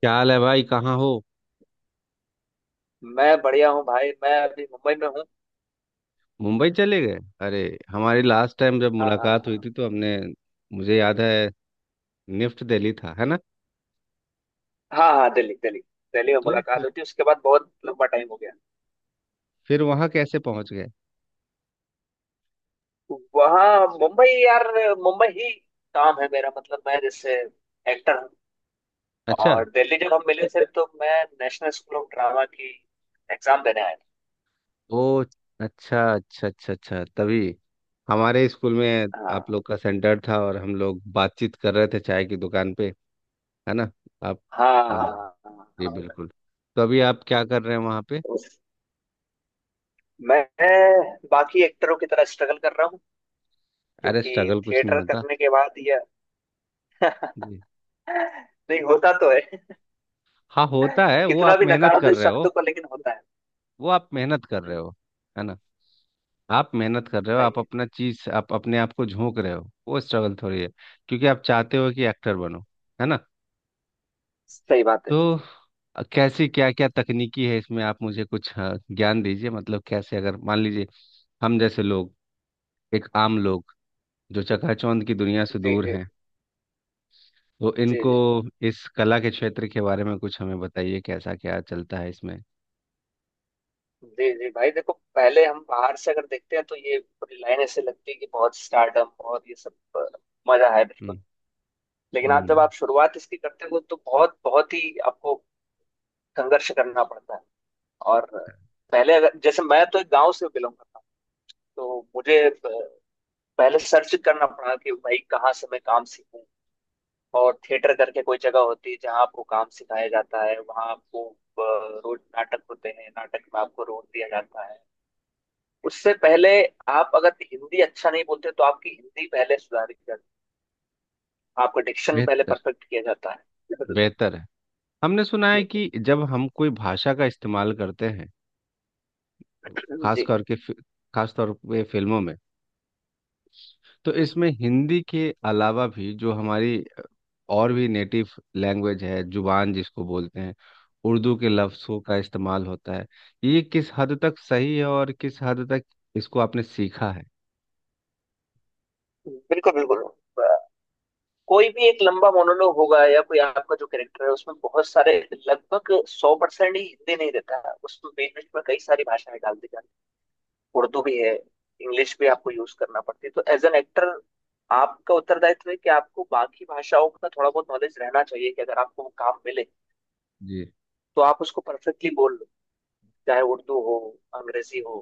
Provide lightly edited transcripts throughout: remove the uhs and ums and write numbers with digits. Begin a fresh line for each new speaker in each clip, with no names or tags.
क्या हाल है भाई? कहाँ हो?
मैं बढ़िया हूँ भाई। मैं अभी मुंबई में हूँ।
मुंबई चले गए? अरे। हमारी लास्ट टाइम जब
हाँ हाँ
मुलाकात हुई
हाँ।
थी तो हमने। मुझे याद है। निफ्ट दिल्ली था, है ना?
हाँ हाँ, दिल्ली दिल्ली दिल्ली में
तो
मुलाकात
फिर
हुई थी। उसके बाद बहुत लंबा टाइम हो गया।
फिर वहाँ कैसे पहुँच गए?
वहाँ मुंबई यार। मुंबई ही काम है मेरा। मतलब मैं जैसे एक्टर हूँ।
अच्छा।
और दिल्ली जब हम मिले थे तो मैं नेशनल स्कूल ऑफ ड्रामा की एग्जाम देने आया था।
ओ। अच्छा अच्छा अच्छा अच्छा, तभी। हमारे स्कूल में आप
हाँ
लोग का सेंटर था और हम लोग बातचीत कर रहे थे चाय की दुकान पे। है ना? आप।
हाँ।
हाँ।
हाँ हाँ
जी
हाँ।
बिल्कुल। तो अभी आप क्या कर रहे हैं वहाँ पे?
उस- मैं बाकी एक्टरों की तरह स्ट्रगल कर रहा हूँ
अरे
क्योंकि
स्ट्रगल कुछ नहीं
थिएटर
होता।
करने के बाद ये
जी।
नहीं होता तो है।
हाँ होता है, वो
कितना
आप
भी
मेहनत
नकार दो
कर
इस
रहे हो।
शब्द को, लेकिन होता है।
वो आप मेहनत कर रहे
हम्म,
हो, है ना? आप मेहनत कर रहे हो, आप
सही है।
अपना चीज, आप अपने आप को झोंक रहे हो, वो स्ट्रगल थोड़ी है। क्योंकि आप चाहते हो कि एक्टर बनो, है ना?
सही बात है।
तो कैसी, क्या क्या तकनीकी है इसमें? आप मुझे कुछ ज्ञान दीजिए। मतलब कैसे, अगर मान लीजिए हम जैसे लोग, एक आम लोग, जो चकाचौंध की दुनिया से
जी
दूर
जी।
हैं, तो
जी
इनको
जी।
इस कला के क्षेत्र के बारे में कुछ हमें बताइए। कैसा क्या चलता है इसमें?
जी जी भाई, देखो पहले हम बाहर से अगर देखते हैं तो ये पूरी लाइन ऐसे लगती है कि बहुत स्टार्टअप, बहुत ये सब मजा है बिल्कुल।
हम्म।
लेकिन आप जब
हम्म।
आप शुरुआत इसकी करते हो तो बहुत बहुत ही आपको संघर्ष करना पड़ता है। और पहले अगर जैसे मैं तो एक गांव से बिलोंग करता हूँ, तो मुझे पहले सर्च करना पड़ा कि भाई कहाँ से मैं काम सीखूं। और थिएटर करके कोई जगह होती है जहाँ आपको काम सिखाया जाता है। वहाँ आपको रोज नाटक होते हैं, नाटक में आपको रोल दिया जाता है। उससे पहले आप अगर हिंदी अच्छा नहीं बोलते तो आपकी हिंदी पहले सुधारी जाती है, आपका डिक्शन पहले
बेहतर।
परफेक्ट किया जाता है।
बेहतर है। हमने सुना है कि जब हम कोई भाषा का इस्तेमाल करते हैं, खास
जी।
करके फि- खास तौर पे फिल्मों में, तो इसमें हिंदी के अलावा भी जो हमारी और भी नेटिव लैंग्वेज है, जुबान जिसको बोलते हैं, उर्दू के लफ्ज़ों का इस्तेमाल होता है। ये किस हद तक सही है और किस हद तक इसको आपने सीखा है?
बिल्कुल बिल्कुल। अ, कोई भी एक लंबा मोनोलॉग होगा या कोई आपका जो कैरेक्टर है उसमें बहुत सारे, लगभग 100% ही हिंदी नहीं देता है। उसमें बीच बीच में कई सारी भाषाएं डाल दी जाती हैं। उर्दू भी है, इंग्लिश भी आपको यूज करना पड़ती है। तो एज एन एक्टर आपका उत्तरदायित्व है कि आपको बाकी भाषाओं का थोड़ा बहुत नॉलेज रहना चाहिए कि अगर आपको वो काम मिले
जी
तो आप उसको परफेक्टली बोल लो, चाहे उर्दू हो, अंग्रेजी हो,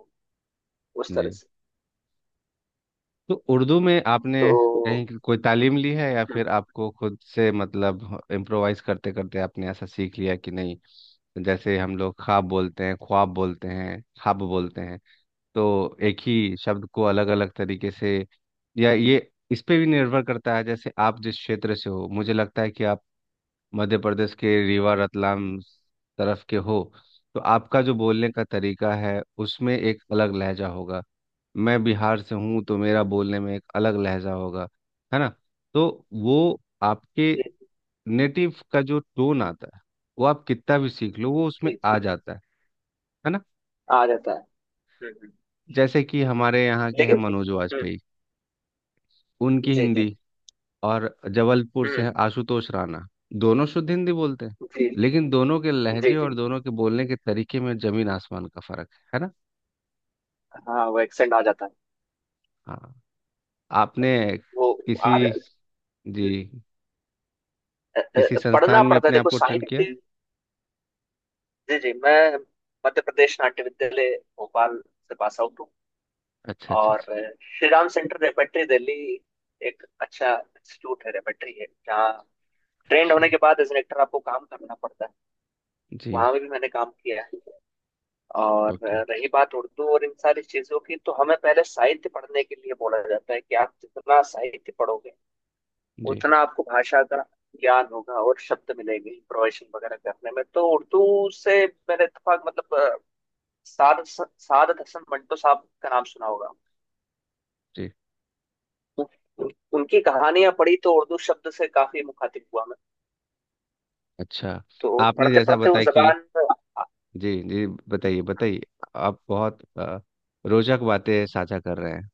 उस तरह
जी।
से।
तो उर्दू में आपने
तो
कहीं की कोई तालीम ली है, या
हम्म,
फिर आपको खुद से, मतलब इम्प्रोवाइज करते करते आपने ऐसा सीख लिया कि नहीं? जैसे हम लोग ख्वाब बोलते हैं, ख्वाब बोलते हैं, ख्वाब बोलते हैं, तो एक ही शब्द को अलग अलग तरीके से। या ये इस पे भी निर्भर करता है जैसे आप जिस क्षेत्र से हो। मुझे लगता है कि आप मध्य प्रदेश के रीवा, रतलाम तरफ के हो। तो आपका जो बोलने का तरीका है उसमें एक अलग लहजा होगा। मैं बिहार से हूँ, तो मेरा बोलने में एक अलग लहजा होगा, है ना? तो वो आपके
जी
नेटिव का जो टोन आता है, वो आप कितना भी सीख लो वो उसमें
जी।
आ
जी,
जाता है ना?
आ जाता है। हम्म, हम्म।
जैसे कि हमारे यहाँ के हैं
लेकिन
मनोज
हम्म,
वाजपेयी, उनकी
जी जी।
हिंदी, और जबलपुर से है
हम्म।
आशुतोष राणा। दोनों शुद्ध हिंदी बोलते हैं,
जी
लेकिन दोनों के
जी
लहजे
जी।
और दोनों के बोलने के तरीके में जमीन आसमान का फर्क है ना?
हाँ वो एक्सेंट आ जाता है।
हाँ। आपने,
वो
किसी,
आ,
जी, किसी
पढ़ना
संस्थान में
पड़ता है,
अपने आप
देखो
को ट्रेन किया?
साहित्य। जी जी। मैं मध्य प्रदेश नाट्य विद्यालय, भोपाल से पास आउट हूँ।
अच्छा अच्छा
और
अच्छा
श्री राम सेंटर रेपेट्री दिल्ली एक अच्छा इंस्टीट्यूट है, रेपेट्री है जहाँ ट्रेंड
अच्छा।
होने के बाद एज एन एक्टर आपको काम करना पड़ता है।
जी।
वहां भी मैंने काम किया है। और
ओके।
रही बात उर्दू और इन सारी चीजों की, तो हमें पहले साहित्य पढ़ने के लिए बोला जाता है कि आप जितना साहित्य पढ़ोगे
जी
उतना आपको भाषा का ज्ञान होगा और शब्द मिलेंगे इम्प्रोवाइजेशन वगैरह करने में। तो उर्दू से मेरा इत्तेफाक, मतलब साद सादत हसन मंटो साहब का नाम सुना होगा।
जी।
उन, उन- उनकी कहानियां पढ़ी तो उर्दू शब्द से काफी मुखातिब हुआ मैं।
अच्छा।
तो
आपने
पढ़ते
जैसा
पढ़ते वो
बताया कि,
जबान
जी जी बताइए बताइए, आप बहुत रोचक बातें साझा कर रहे हैं।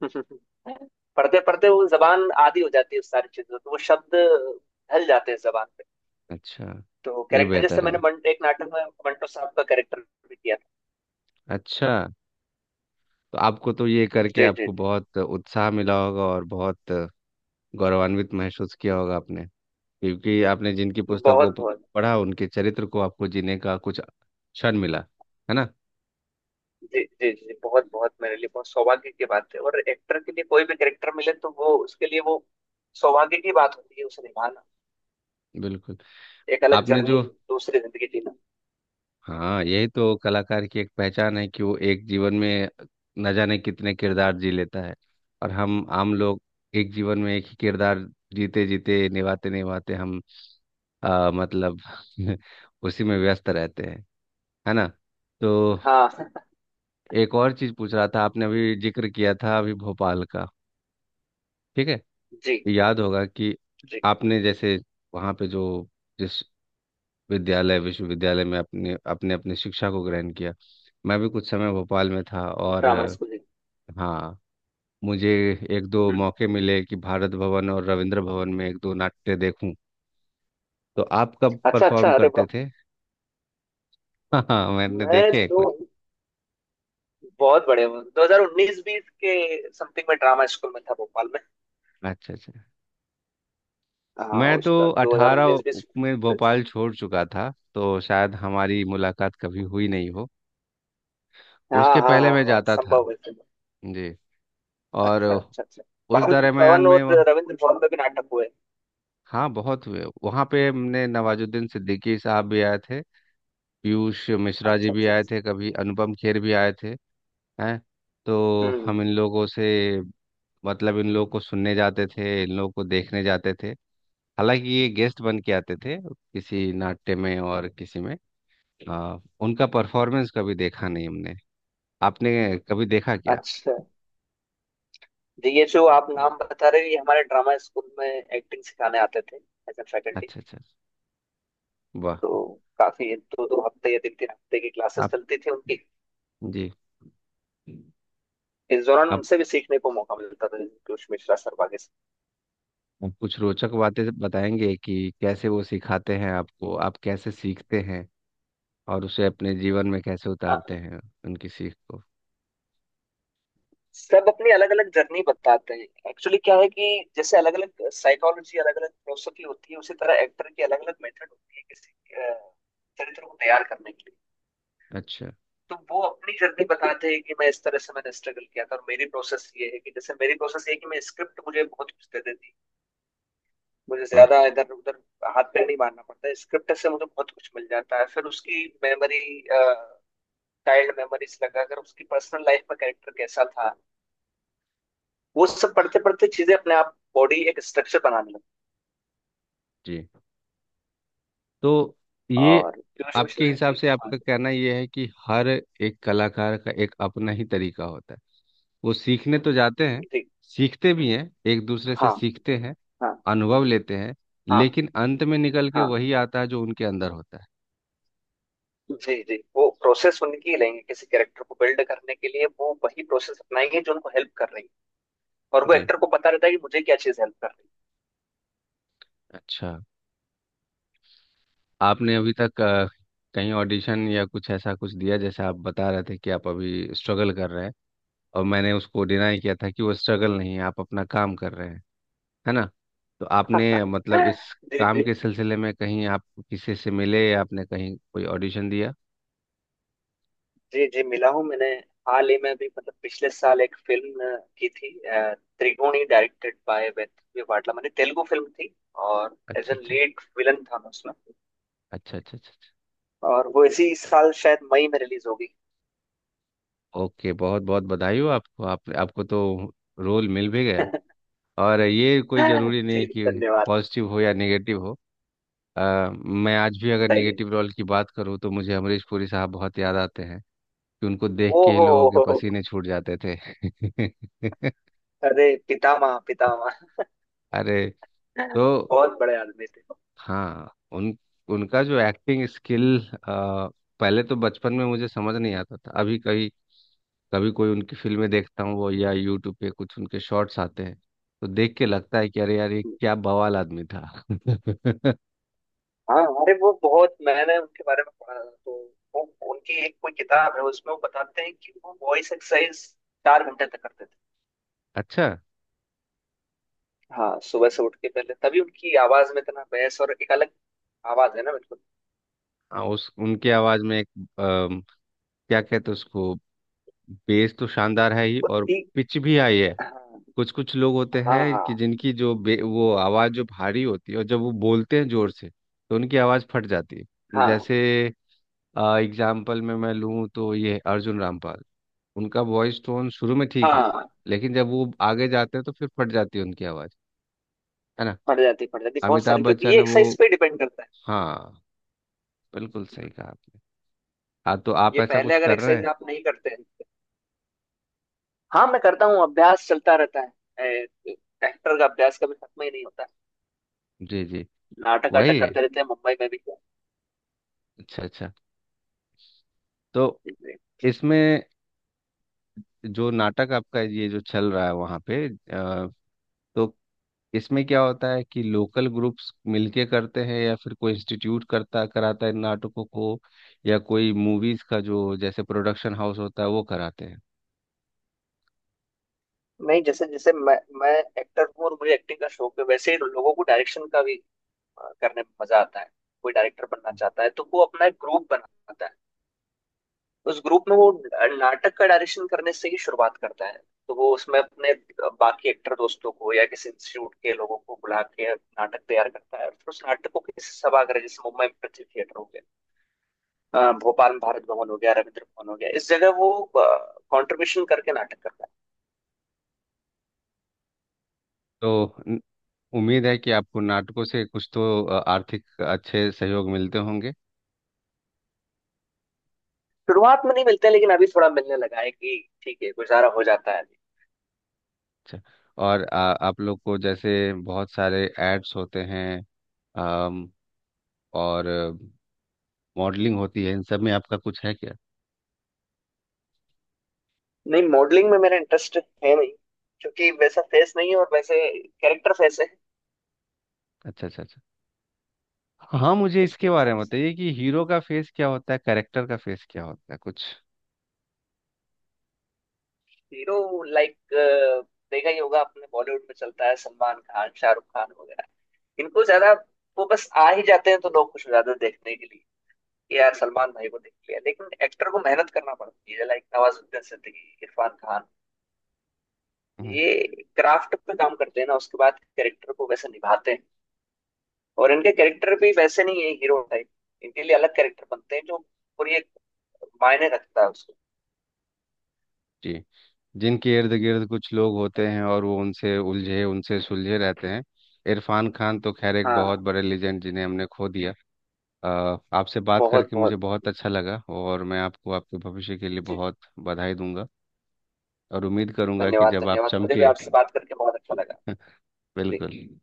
पढ़ते पढ़ते वो जबान आदी हो जाती है उस सारी चीजों, तो वो शब्द ढल जाते हैं जबान पे।
अच्छा।
तो
ये
कैरेक्टर, जैसे
बेहतर
मैंने
है।
एक नाटक में मंटो साहब का कैरेक्टर भी किया था।
अच्छा। तो आपको तो, ये करके
जी जी
आपको
जी।
बहुत उत्साह मिला होगा और बहुत गौरवान्वित महसूस किया होगा आपने। क्योंकि आपने जिनकी पुस्तकों
बहुत
को
बहुत।
पढ़ा, उनके चरित्र को आपको जीने का कुछ क्षण मिला, है ना?
जी जी जी, बहुत बहुत मेरे लिए बहुत सौभाग्य की बात है। और एक्टर के लिए कोई भी कैरेक्टर मिले तो वो उसके लिए वो सौभाग्य की बात होती है उसे निभाना,
बिल्कुल।
एक अलग
आपने
जर्नी,
जो,
दूसरी जिंदगी जीना।
हाँ, यही तो कलाकार की एक पहचान है कि वो एक जीवन में न जाने कितने किरदार जी लेता है। और हम आम लोग एक जीवन में एक ही किरदार जीते जीते, निभाते निभाते हम, मतलब, उसी में व्यस्त रहते हैं, है ना? तो
हाँ।
एक और चीज पूछ रहा था। आपने अभी जिक्र किया था अभी भोपाल का। ठीक है।
जी
याद होगा कि
जी।
आपने जैसे वहाँ पे जो, जिस विद्यालय विश्वविद्यालय में अपने अपने अपने शिक्षा को ग्रहण किया, मैं भी कुछ समय भोपाल में था। और,
ड्रामा स्कूल जी।
हाँ, मुझे एक दो
हम्म।
मौके मिले कि भारत भवन और रविंद्र भवन में एक दो नाट्य देखूं। तो आप कब
अच्छा
परफॉर्म
अच्छा, अरे
करते
वाह।
थे? हाँ, मैंने
मैं
देखे हैं
तो
कुछ।
बहुत बड़े हूँ, 2019-20 के समथिंग में ड्रामा स्कूल में था, भोपाल में।
अच्छा अच्छा।
हाँ,
मैं तो
उसका
18
2019-20
में
कुछ।
भोपाल छोड़ चुका था, तो शायद हमारी मुलाकात कभी हुई नहीं हो। उसके
हाँ हाँ
पहले
हाँ
मैं
हाँ,
जाता था।
संभव है, संभव।
जी। और
अच्छा अच्छा अच्छा।
उस
पवन
दरमियान
पवन
में
और
वह,
रविंद्र भवन में भी नाटक हुए।
हाँ बहुत हुए। वहाँ पे हमने, नवाजुद्दीन सिद्दीकी साहब भी आए थे, पीयूष मिश्रा जी
अच्छा
भी
अच्छा
आए
अच्छा।
थे, कभी अनुपम खेर भी आए थे। हैं। तो
हम्म।
हम इन लोगों से, मतलब इन लोगों को सुनने जाते थे, इन लोगों को देखने जाते थे। हालांकि ये गेस्ट बन के आते थे किसी नाट्य में, और किसी में, उनका परफॉर्मेंस कभी देखा नहीं हमने। आपने कभी देखा क्या?
अच्छा, जी, ये जो आप नाम बता रहे हैं ये हमारे ड्रामा स्कूल में एक्टिंग सिखाने आते थे एज ए फैकल्टी।
अच्छा अच्छा वाह।
तो काफी दो दो हफ्ते या तीन तीन हफ्ते की क्लासेस
आप,
चलती थी उनकी।
जी,
इस दौरान
आप
उनसे भी सीखने को मौका मिलता था, पीयूष मिश्रा सर वगैरह से।
आप कुछ रोचक बातें बताएंगे कि कैसे वो सिखाते हैं आपको, आप कैसे सीखते हैं, और उसे अपने जीवन में कैसे उतारते
हाँ,
हैं उनकी सीख को?
सब अपनी अलग अलग जर्नी बताते हैं। एक्चुअली क्या है कि जैसे अलग अलग साइकोलॉजी, अलग अलग फिलोसफी होती है, उसी तरह एक्टर की अलग अलग मेथड होती है किसी चरित्र को तैयार करने के लिए।
अच्छा।
तो वो अपनी जर्नी बताते हैं कि मैं इस तरह से मैंने स्ट्रगल किया था और मेरी प्रोसेस ये है कि, जैसे मेरी प्रोसेस ये है कि मैं स्क्रिप्ट, मुझे बहुत कुछ दे देती है, मुझे ज्यादा
ओके।
इधर उधर हाथ पैर नहीं मारना पड़ता है, स्क्रिप्ट से मुझे बहुत कुछ मिल जाता है। फिर उसकी मेमोरी, चाइल्ड मेमोरीज लगाकर उसकी पर्सनल लाइफ में कैरेक्टर कैसा था, वो सब पढ़ते पढ़ते चीजें अपने आप बॉडी एक स्ट्रक्चर बनाने लगी।
जी। तो ये,
और पीयूष
आपके
मिश्रा
हिसाब
जी,
से
हाँ।
आपका कहना ये है कि हर एक कलाकार का एक अपना ही तरीका होता है। वो सीखने तो जाते हैं,
जी।
सीखते भी हैं, एक दूसरे से
हाँ।
सीखते हैं,
हाँ।
अनुभव लेते हैं,
हाँ
लेकिन अंत में निकल के
हाँ।
वही आता है जो उनके अंदर होता है।
जी जी, वो प्रोसेस उनकी ही लेंगे किसी कैरेक्टर को बिल्ड करने के लिए, वो वही प्रोसेस अपनाएंगे जो उनको हेल्प कर रही है। और वो
जी।
एक्टर को पता रहता है कि मुझे क्या चीज हेल्प कर रही
अच्छा।
है
आपने
जी।
अभी तक कहीं ऑडिशन या कुछ ऐसा कुछ दिया? जैसे आप बता रहे थे कि आप अभी स्ट्रगल कर रहे हैं, और मैंने उसको डिनाई किया था कि वो स्ट्रगल नहीं है, आप अपना काम कर रहे हैं, है ना? तो आपने, मतलब इस
जी
काम
जी जी।
के सिलसिले में कहीं आप किसी से मिले, या आपने कहीं कोई ऑडिशन दिया?
जी जी मिला हूँ मैंने। हाल ही में भी, मतलब पिछले साल एक फिल्म की थी। त्रिगुणी, डायरेक्टेड बाय वेदव्य वाटला, मैंने तेलुगु फिल्म थी। और एज
अच्छा
ए
अच्छा
लीड विलन था मैं उसमें।
अच्छा। अच्छा अच्छा।
और वो इसी साल शायद मई में रिलीज होगी।
ओके, बहुत बहुत बधाई हो आपको। आप आपको तो रोल मिल भी गया। और ये कोई ज़रूरी
जी,
नहीं कि
धन्यवाद।
पॉजिटिव हो या नेगेटिव हो। मैं आज भी अगर
सही है।
नेगेटिव रोल की बात करूँ तो मुझे अमरीश पुरी साहब बहुत याद आते हैं कि उनको देख
ओ
के ही
हो।
लोगों के
हो,
पसीने छूट जाते थे।
अरे पितामह पितामह।
अरे। तो
बहुत बड़े आदमी थे।
हाँ, उन, उनका जो एक्टिंग स्किल, पहले तो बचपन में मुझे समझ नहीं आता था, अभी कहीं कभी कोई उनकी फिल्में देखता हूँ वो, या यूट्यूब पे कुछ उनके शॉर्ट्स आते हैं, तो देख के लगता है कि अरे यार, ये क्या बवाल आदमी था!
हाँ, अरे वो बहुत, मैंने उनके बारे में पढ़ा था, तो वो, उनकी एक कोई किताब है उसमें वो बताते हैं कि वो वॉइस एक्सरसाइज 4 घंटे तक करते थे।
अच्छा।
हाँ, सुबह से उठ के, पहले, तभी उनकी आवाज में इतना बहस और एक अलग आवाज है ना, बिल्कुल।
हाँ, उस उनके आवाज में एक, अम, क्या कहते हैं उसको, बेस तो शानदार है ही, और
उतनी।
पिच भी आई है।
हाँ
कुछ कुछ लोग होते हैं कि
हाँ।
जिनकी जो वो आवाज जो भारी होती है, और जब वो बोलते हैं जोर से तो उनकी आवाज फट जाती है।
हाँ
जैसे एग्जाम्पल में मैं लूँ तो ये अर्जुन रामपाल, उनका वॉइस टोन शुरू में ठीक है,
हाँ।
लेकिन जब वो आगे जाते हैं तो फिर फट जाती है उनकी आवाज़, है ना?
पड़ जाती बहुत
अमिताभ
सारी, क्योंकि
बच्चन
ये
है वो।
एक्सरसाइज पे डिपेंड करता है।
हाँ बिल्कुल सही कहा आपने। हाँ तो आप
ये
ऐसा
पहले
कुछ
अगर
कर रहे हैं?
एक्सरसाइज आप नहीं करते हैं। हाँ, मैं करता हूँ, अभ्यास चलता रहता है। एक्टर का अभ्यास कभी खत्म ही नहीं होता।
जी जी।
नाटक आटक
वही है।
करते रहते हैं मुंबई में भी।
अच्छा अच्छा। तो इसमें, जो नाटक आपका ये जो चल रहा है वहाँ पे तो इसमें क्या होता है, कि लोकल ग्रुप्स मिलके करते हैं, या फिर कोई इंस्टीट्यूट करता कराता है इन नाटकों को, या कोई मूवीज का जो जैसे प्रोडक्शन हाउस होता है वो कराते हैं?
नहीं जैसे जैसे मैं एक्टर हूँ और मुझे एक्टिंग का शौक है, वैसे ही लोगों को डायरेक्शन का भी करने में मजा आता है। कोई डायरेक्टर बनना चाहता है तो वो अपना एक ग्रुप बनाता है, उस ग्रुप में वो नाटक का डायरेक्शन करने से ही शुरुआत करता है। तो वो उसमें अपने बाकी एक्टर दोस्तों को या किसी इंस्टीट्यूट के लोगों को बुला के नाटक तैयार करता है और फिर उस नाटक को किसी सभागार, जैसे मुंबई में पृथ्वी थिएटर हो गया, भोपाल में भारत भवन हो गया, रविंद्र भवन हो गया, इस जगह वो कंट्रीब्यूशन करके नाटक करता है।
तो उम्मीद है कि आपको नाटकों से कुछ तो आर्थिक अच्छे सहयोग मिलते होंगे।
शुरुआत में नहीं मिलते, लेकिन अभी थोड़ा मिलने लगा है कि ठीक है, गुजारा हो जाता है।
अच्छा। और आप लोग को जैसे बहुत सारे एड्स होते हैं, अम, और मॉडलिंग होती है, इन सब में आपका कुछ है क्या?
नहीं, मॉडलिंग में मेरा इंटरेस्ट है नहीं, क्योंकि वैसा फेस नहीं है और वैसे कैरेक्टर फेस है।
अच्छा अच्छा अच्छा। हाँ मुझे
उसके
इसके बारे
हिसाब
में
से
बताइए कि हीरो का फेस क्या होता है, कैरेक्टर का फेस क्या होता है, कुछ।
हीरो लाइक, देखा ही होगा आपने, बॉलीवुड में चलता है सलमान खान, शाहरुख खान वगैरह, इनको ज्यादा, वो बस आ ही जाते हैं तो लोग खुश हो जाते हैं देखने के लिए कि यार सलमान भाई को देख लिया। लेकिन एक्टर को मेहनत करना पड़ती है, लाइक नवाजुद्दीन सिद्दीकी, इरफान खान,
हम्म।
ये क्राफ्ट पे काम करते हैं ना, उसके बाद कैरेक्टर को वैसे निभाते हैं। और इनके कैरेक्टर भी वैसे नहीं है हीरो टाइप, इनके लिए अलग कैरेक्टर बनते हैं जो पूरी एक मायने रखता है उसको।
जी। जिनके इर्द गिर्द कुछ लोग होते हैं और वो उनसे उलझे उनसे सुलझे रहते हैं। इरफान खान तो खैर एक बहुत
हाँ,
बड़े लेजेंड, जिन्हें हमने खो दिया। अ, आपसे बात
बहुत
करके मुझे
बहुत बहुत।
बहुत अच्छा लगा, और मैं आपको आपके भविष्य के लिए
जी,
बहुत बधाई दूंगा, और उम्मीद करूंगा कि
धन्यवाद
जब आप
धन्यवाद। मुझे भी
चमके।
आपसे बात करके बहुत अच्छा लगा। जी।
बिल्कुल।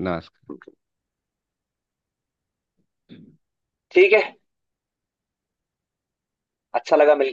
नमस्कार।
ठीक है। अच्छा लगा मिलकर।